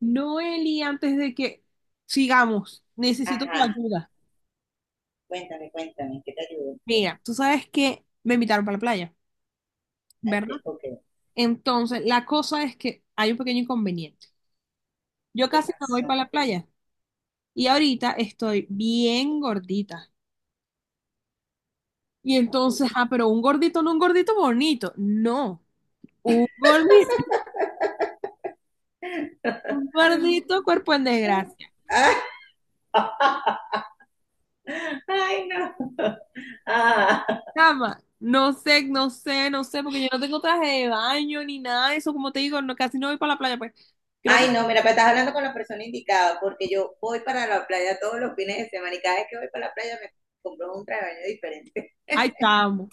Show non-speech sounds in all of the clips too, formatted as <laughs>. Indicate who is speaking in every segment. Speaker 1: Noeli, antes de que sigamos, necesito tu
Speaker 2: Ajá,
Speaker 1: ayuda.
Speaker 2: cuéntame, cuéntame, ¿qué te ayudo?
Speaker 1: Mira, tú sabes que me invitaron para la playa,
Speaker 2: Ok,
Speaker 1: ¿verdad?
Speaker 2: ok,
Speaker 1: Entonces, la cosa es que hay un pequeño inconveniente. Yo
Speaker 2: ¿qué
Speaker 1: casi no voy
Speaker 2: pasó?
Speaker 1: para la playa y ahorita estoy bien gordita. Y entonces, ah, pero un gordito, no un gordito bonito, no, un gordito, un gordito cuerpo en desgracia.
Speaker 2: Ah, <laughs> Ay, no. Ah,
Speaker 1: Chama, no sé, no sé, no sé, porque yo no tengo traje de baño ni nada de eso, como te digo, no, casi no voy para la playa, pues. Creo que
Speaker 2: Ay, no, mira, pero estás hablando con la persona indicada, porque yo voy para la playa todos los fines de semana y cada vez que voy para la playa me compro un traje de baño diferente.
Speaker 1: ay, chamo.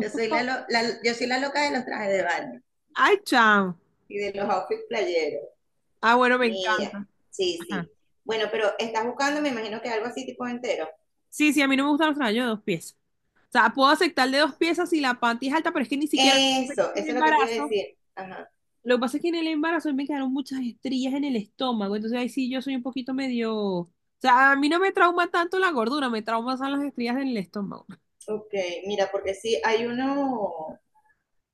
Speaker 2: Yo soy la loca de los trajes de baño
Speaker 1: Ay, chamo.
Speaker 2: y de los outfits playeros.
Speaker 1: Ah, bueno, me
Speaker 2: Mira,
Speaker 1: encanta.
Speaker 2: sí,
Speaker 1: Ajá.
Speaker 2: sí. Bueno, pero estás buscando, me imagino que algo así tipo entero.
Speaker 1: Sí, sí, a mí no me gustan los trajes de dos piezas. O sea, puedo aceptar de dos piezas si la panty es alta, pero es que ni siquiera
Speaker 2: Eso,
Speaker 1: en el
Speaker 2: eso es lo que te iba a
Speaker 1: embarazo.
Speaker 2: decir. Ajá.
Speaker 1: Lo que pasa es que en el embarazo a mí me quedaron muchas estrías en el estómago. Entonces ahí sí yo soy un poquito medio. O sea, a mí no me trauma tanto la gordura, me trauma son las estrías en el estómago.
Speaker 2: Ok, mira, porque sí, hay uno,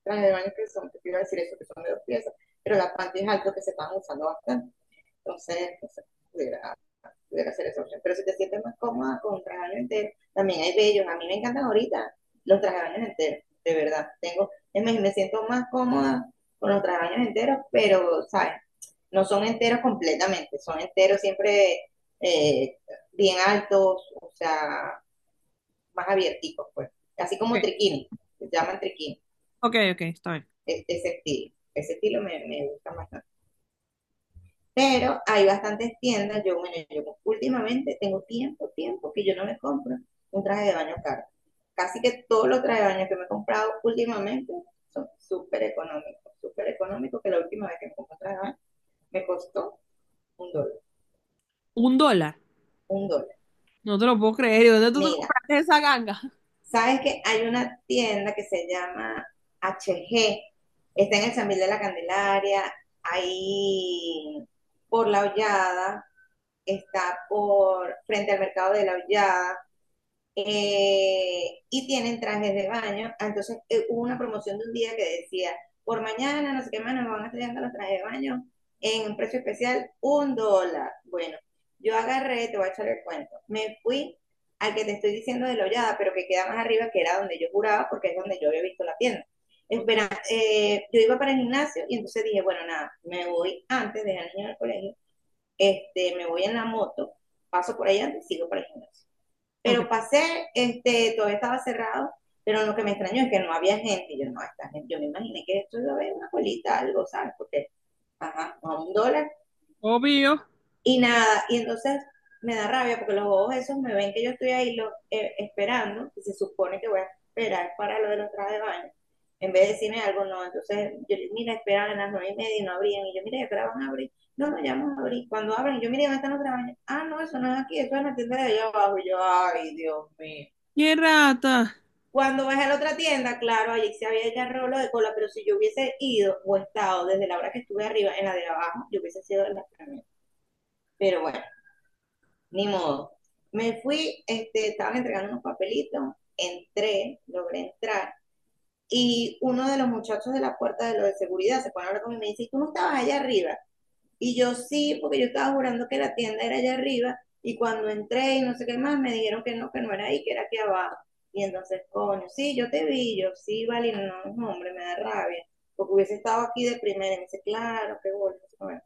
Speaker 2: trajes de baño que son, que te iba a decir eso, que son de dos piezas, pero la panty es algo que se están usando bastante. Entonces, no sé, pudiera, pudiera ser esa opción. Pero si te sientes más cómoda con un traje de baño entero, también hay bellos. A mí me encantan ahorita los trajes de baño enteros, de verdad. Tengo, es más, me siento más cómoda con los trajes de baño enteros, pero, ¿sabes? No son enteros completamente, son enteros siempre eh, bien altos, o sea, más abierticos, pues. Así como
Speaker 1: Ok,
Speaker 2: triquini, se llaman triquini,
Speaker 1: ok, ok, está bien.
Speaker 2: ese estilo. Ese estilo me gusta bastante. Pero hay bastantes tiendas, yo, bueno, yo últimamente tengo tiempo, tiempo que yo no me compro un traje de baño caro. Casi que todos los trajes de baño que me he comprado últimamente son súper económicos, que la última vez que me compré un traje de baño me costó $1,
Speaker 1: $1.
Speaker 2: $1.
Speaker 1: No te lo puedo creer. ¿Y dónde tú te
Speaker 2: Mira,
Speaker 1: compraste esa ganga?
Speaker 2: sabes que hay una tienda que se llama HG, está en el San Miguel de la Candelaria, ahí por la Hollada, está por frente al mercado de la Hollada, y tienen trajes de baño. Ah, entonces hubo una promoción de un día que decía, por mañana, no sé qué más, nos van a estar llegando los trajes de baño en un precio especial, $1. Bueno, yo agarré, te voy a echar el cuento, me fui al que te estoy diciendo de Lollada, pero que queda más arriba, que era donde yo juraba, porque es donde yo había visto la tienda. Espera, yo iba para el gimnasio y entonces dije, bueno, nada, me voy antes, dejé al niño en el colegio, este, me voy en la moto, paso por ahí antes y sigo para el gimnasio.
Speaker 1: Ok.
Speaker 2: Pero pasé, este, todavía estaba cerrado, pero lo que me extrañó es que no había gente. Y yo, no, esta gente, yo me imaginé que esto iba a haber una colita, algo, ¿sabes? Porque, ajá, a $1.
Speaker 1: Obvio.
Speaker 2: Y nada, y entonces me da rabia porque los bobos esos me ven que yo estoy ahí esperando, que se supone que voy a esperar para lo de los trajes de baño. En vez de decirme algo, no. Entonces, yo mira, esperaban a las 9:30 y no abrían. Y yo, mira, esperaban van a abrir. No, no, ya vamos a abrir. Cuando abren, yo, mira, ¿dónde están los trabajos? Ah, no, eso no es aquí, eso es en la tienda de allá abajo. Y yo, ay, Dios mío.
Speaker 1: ¡Qué rata!
Speaker 2: Cuando bajé a la otra tienda, claro, allí se había agarrado lo de cola, pero si yo hubiese ido o estado desde la hora que estuve arriba en la de abajo, yo hubiese sido en la primera. Pero bueno, ni modo. Me fui, este, estaban entregando unos papelitos, entré, logré entrar, y uno de los muchachos de la puerta de lo de seguridad se pone a hablar conmigo y me dice, ¿tú no estabas allá arriba? Y yo sí, porque yo estaba jurando que la tienda era allá arriba y cuando entré y no sé qué más, me dijeron que no era ahí, que era aquí abajo. Y entonces, coño, sí, yo te vi, yo sí, vale, no, no, no, hombre, me da rabia, porque hubiese estado aquí de primera. Y me dice, claro, qué bueno. Bueno,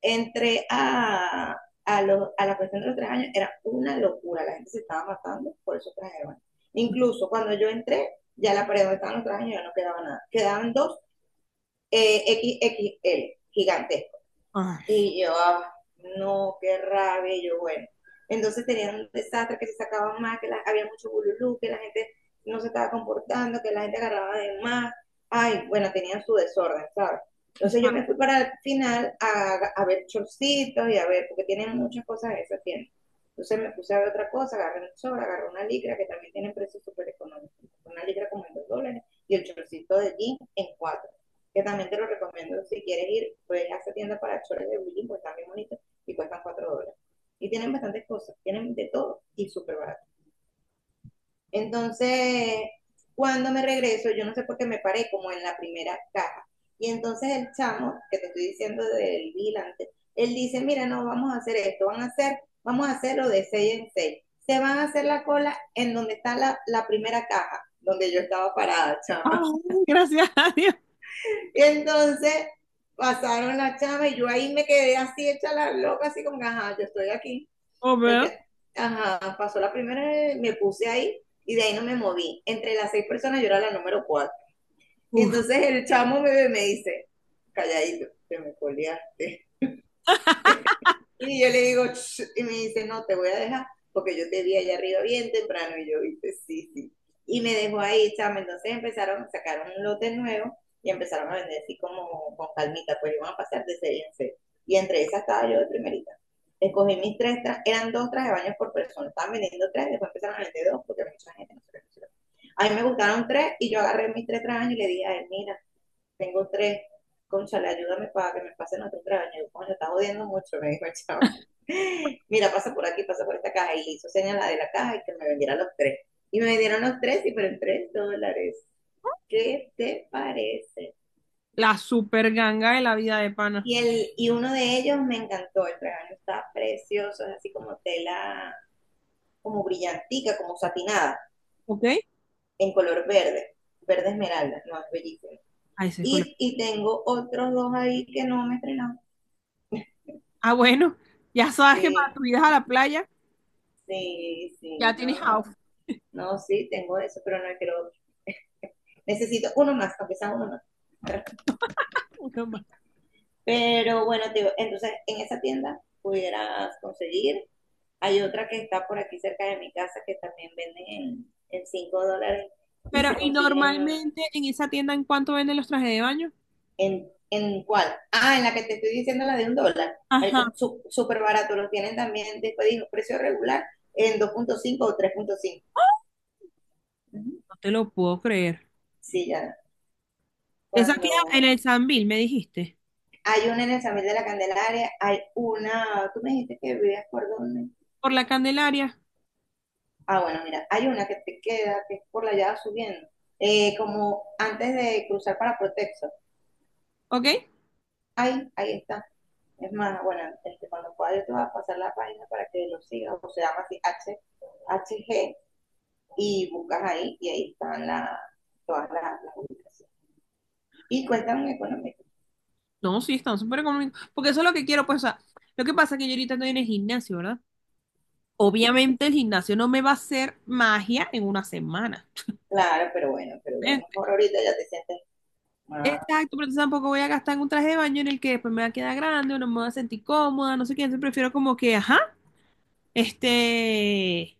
Speaker 2: entré a la cuestión de los tres años, era una locura, la gente se estaba matando por eso tres. Incluso cuando yo entré, ya la pared donde estaban los tres años ya no quedaba nada. Quedaban dos eh, XXL, gigantes
Speaker 1: Ay.
Speaker 2: y yo, ah, no, qué rabia, y yo, bueno. Entonces tenían un desastre que se sacaban más, que había mucho bululú, que la gente no se estaba comportando, que la gente agarraba de más. Ay, bueno, tenían su desorden, ¿sabes? Entonces yo me fui para el final a ver chorcitos y a ver, porque tienen muchas cosas en esa tienda. Entonces me puse a ver otra cosa, agarré un chor, agarré una licra, que también tienen precios súper económicos. Una licra como en $2 y el chorcito de jean en cuatro, que también te lo recomiendo si quieres ir, puedes a esa tienda para chores de bullying, pues están bien bonitos y cuestan $4. Y tienen bastantes cosas, tienen de todo y súper barato. Entonces, cuando me regreso, yo no sé por qué me paré como en la primera caja. Y entonces el chamo, que te estoy diciendo del vigilante, él dice, mira, no, vamos a hacer esto, van a hacer, vamos a hacerlo de 6 en seis. Se van a hacer la cola en donde está la primera caja, donde yo estaba parada, chamo.
Speaker 1: Ah, gracias a Dios.
Speaker 2: Entonces pasaron la chava y yo ahí me quedé así hecha la loca, así como, ajá, yo estoy aquí.
Speaker 1: Oh,
Speaker 2: Me
Speaker 1: vea.
Speaker 2: qued- Ajá, pasó la primera, me puse ahí y de ahí no me moví. Entre las seis personas yo era la número cuatro. Y
Speaker 1: Uf,
Speaker 2: entonces el chamo me dice, calladito, te me coleaste. Y yo le digo, y me dice, no, te voy a dejar, porque yo te vi allá arriba bien temprano, y yo, viste, sí, sí. Y me dejó ahí, chama, entonces empezaron, sacaron un lote nuevo y empezaron a vender así como con calmita, pues iban a pasar de serie en serie. Y entre esas estaba yo de primerita. Escogí mis tres, eran dos trajes de baño por persona, estaban vendiendo tres, después empezaron a vender dos, porque mucha gente no se lo. A mí me gustaron tres, y yo agarré mis tres trajes y le dije a él, mira, tengo tres, cónchale ayúdame para que me pasen otros trajes de baño. Yo, coño, está jodiendo mucho, me dijo el chavo, mira, pasa por aquí, pasa por esta caja. Y le hizo señas la de la caja y que me vendieran los tres. Y me vendieron los tres y fueron $3. ¿Qué te parece?
Speaker 1: la super ganga de la vida de pana.
Speaker 2: Y uno de ellos me encantó, el regalo está precioso, es así como tela, como brillantica, como satinada,
Speaker 1: ¿Ok?
Speaker 2: en color verde, verde esmeralda, no, es bellísimo.
Speaker 1: A ese color.
Speaker 2: Y tengo otros dos ahí que no me estrenaron.
Speaker 1: Ah, bueno, ya sabes que para
Speaker 2: Sí,
Speaker 1: tu ida a la playa
Speaker 2: sí, sí,
Speaker 1: ya tienes
Speaker 2: no, no,
Speaker 1: outfit.
Speaker 2: no, sí, tengo eso, pero no quiero otro. Necesito uno más, aunque sea uno más.
Speaker 1: Uno más.
Speaker 2: Pero bueno, te digo, entonces en esa tienda pudieras conseguir. Hay otra que está por aquí cerca de mi casa que también vende en $5 y
Speaker 1: Pero,
Speaker 2: se
Speaker 1: ¿y
Speaker 2: consigue en,
Speaker 1: normalmente en esa tienda en cuánto venden los trajes de baño?
Speaker 2: en, en cuál. Ah, en la que te estoy diciendo, la de $1.
Speaker 1: Ajá,
Speaker 2: Marica, súper barato. Los tienen también, después dijo, precio regular en 2,5 o 3,5. Ujú.
Speaker 1: no te lo puedo creer.
Speaker 2: Sí, ya.
Speaker 1: Esa queda en
Speaker 2: Cuando
Speaker 1: el Sambil, me dijiste.
Speaker 2: hay una en el Samil de la Candelaria, hay una, tú me dijiste que vivías por dónde.
Speaker 1: Por la Candelaria,
Speaker 2: Ah, bueno, mira, hay una que te queda, que es por la llave subiendo, como antes de cruzar para Protexo.
Speaker 1: ¿ok?
Speaker 2: Ahí, ahí está. Es más, bueno, este, cuando pueda yo te voy a pasar la página para que lo sigas, o se llama así H, H G y buscas ahí, y ahí están todas las ubicaciones. Y cuestan económico.
Speaker 1: No, sí, están súper económicos. Porque eso es lo que quiero, pues, o sea, lo que pasa es que yo ahorita estoy en el gimnasio, ¿verdad? Obviamente el gimnasio no me va a hacer magia en una semana.
Speaker 2: Claro, pero bueno, pero a lo
Speaker 1: Eh,
Speaker 2: mejor ahorita ya te sientes más,
Speaker 1: Exacto, pero entonces tampoco voy a gastar en un traje de baño en el que después me va a quedar grande o no me voy a sentir cómoda, no sé qué. Entonces prefiero como que, ajá, este,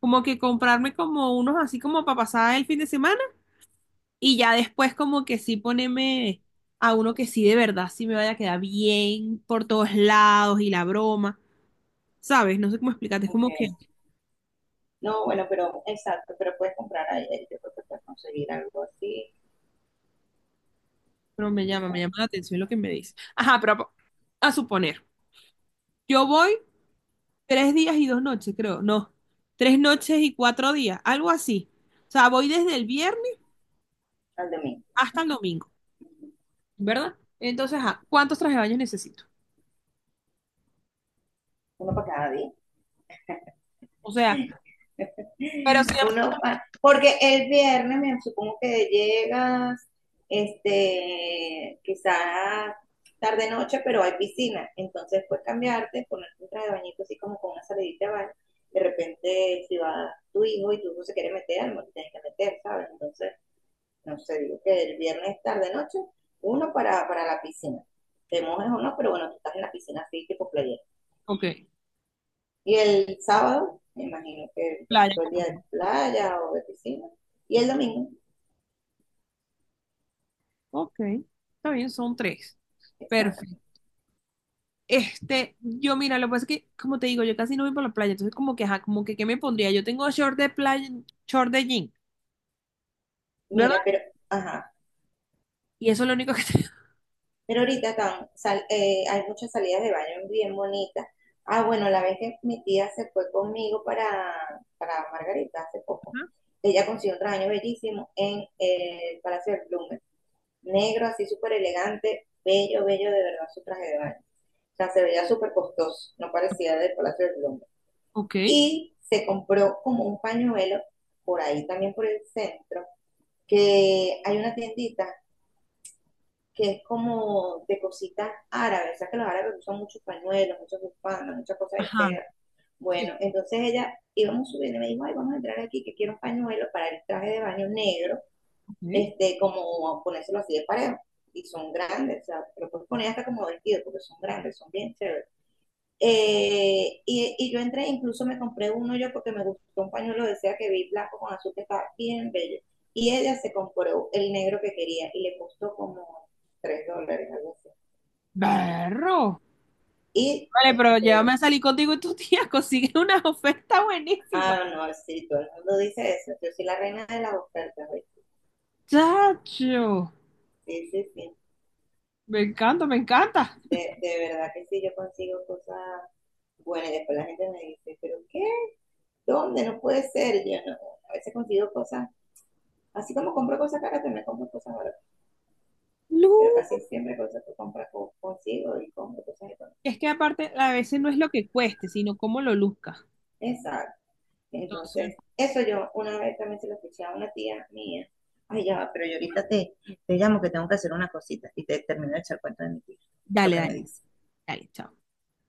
Speaker 1: como que comprarme como unos así como para pasar el fin de semana y ya después como que sí ponerme a uno que sí de verdad sí me vaya a quedar bien por todos lados y la broma, ¿sabes? No sé cómo explicarte, es
Speaker 2: ok.
Speaker 1: como que,
Speaker 2: No, bueno, pero exacto, pero puedes comprar ahí, ahí yo creo que puedes conseguir algo así,
Speaker 1: pero
Speaker 2: o
Speaker 1: me
Speaker 2: sea,
Speaker 1: llama la atención lo que me dice. Ajá, pero a suponer, yo voy 3 días y 2 noches, creo. No, 3 noches y 4 días, algo así. O sea, voy desde el viernes
Speaker 2: al domingo.
Speaker 1: hasta el domingo, ¿verdad? Entonces, ajá, ¿cuántos trajes de baño necesito?
Speaker 2: Uno para cada día.
Speaker 1: O sea, pero se llama...
Speaker 2: Porque el viernes me supongo que llegas, este, quizás tarde noche, pero hay piscina. Entonces puedes cambiarte, ponerte un traje de bañito así como con una salidita de baño. De repente, si va tu hijo y tu hijo se quiere meter, no te tienes que meter, ¿sabes? Entonces, no sé, digo que el viernes tarde noche, uno para la piscina. Te mojas o no, pero bueno, tú estás en la piscina así, tipo playa.
Speaker 1: Ok,
Speaker 2: Y el sábado, me imagino que pues
Speaker 1: playa
Speaker 2: todo el día
Speaker 1: completa.
Speaker 2: de playa o de piscina. Y el domingo,
Speaker 1: Ok, está bien, son tres. Perfecto.
Speaker 2: exacto.
Speaker 1: Este, yo mira, lo que pasa es que, como te digo, yo casi no voy para la playa, entonces como que, ajá, como que, ¿qué me pondría? Yo tengo short de playa, short de jean, ¿verdad?
Speaker 2: Mira, pero, ajá.
Speaker 1: Y eso es lo único que <laughs> tengo.
Speaker 2: Pero ahorita tan, hay muchas salidas de baño bien bonitas. Ah, bueno, la vez que mi tía se fue conmigo para Margarita hace poco,
Speaker 1: Ajá,
Speaker 2: ella consiguió un traje bellísimo en el Palacio del Blumen. Negro, así súper elegante, bello, bello de verdad su traje de baño. O sea, se veía súper costoso, no parecía del Palacio del Blumen.
Speaker 1: ok.
Speaker 2: Y se compró como un pañuelo por ahí también por el centro, que hay una tiendita que es como de cositas árabes, o sea que los árabes usan muchos pañuelos, muchas bufandas, muchas cosas de
Speaker 1: Ajá.
Speaker 2: seda.
Speaker 1: Sí,
Speaker 2: Bueno, entonces ella íbamos subiendo y me dijo, ay, vamos a entrar aquí que quiero un pañuelo para el traje de baño negro,
Speaker 1: ok.
Speaker 2: este, como ponérselo así de parejo. Y son grandes, o sea, pero puedes poner hasta como vestido porque son grandes, son bien chéveres. Y yo entré, incluso me compré uno yo porque me gustó un pañuelo de seda que vi blanco con azul que estaba bien bello. Y ella se compró el negro que quería y le costó como $3, algo así.
Speaker 1: Berro.
Speaker 2: Y,
Speaker 1: Vale, pero llévame
Speaker 2: este,
Speaker 1: a salir contigo y tu tía <laughs> consigue una oferta buenísima.
Speaker 2: ah, no, sí, todo el mundo dice eso. Yo soy la reina de las ofertas, ¿ves?
Speaker 1: Chacho,
Speaker 2: Sí, sí, sí.
Speaker 1: me encanta, me encanta.
Speaker 2: De verdad que sí, yo consigo cosas buenas. Y después la gente me dice, ¿pero qué? ¿Dónde? No puede ser. Y yo no. A veces consigo cosas, así como compro cosas caras, también compro cosas baratas.
Speaker 1: Lu,
Speaker 2: Pero casi siempre cosas que compras consigo y compro cosas económicas.
Speaker 1: es que aparte a veces no es lo que cueste, sino cómo lo luzca.
Speaker 2: Exacto.
Speaker 1: Entonces,
Speaker 2: Entonces, eso yo una vez también se lo escuché a una tía mía. Ay, ya, va, pero yo ahorita te, te llamo que tengo que hacer una cosita y te termino de echar cuenta de mi tía, lo
Speaker 1: dale,
Speaker 2: que me
Speaker 1: dale,
Speaker 2: dice.
Speaker 1: dale, chao.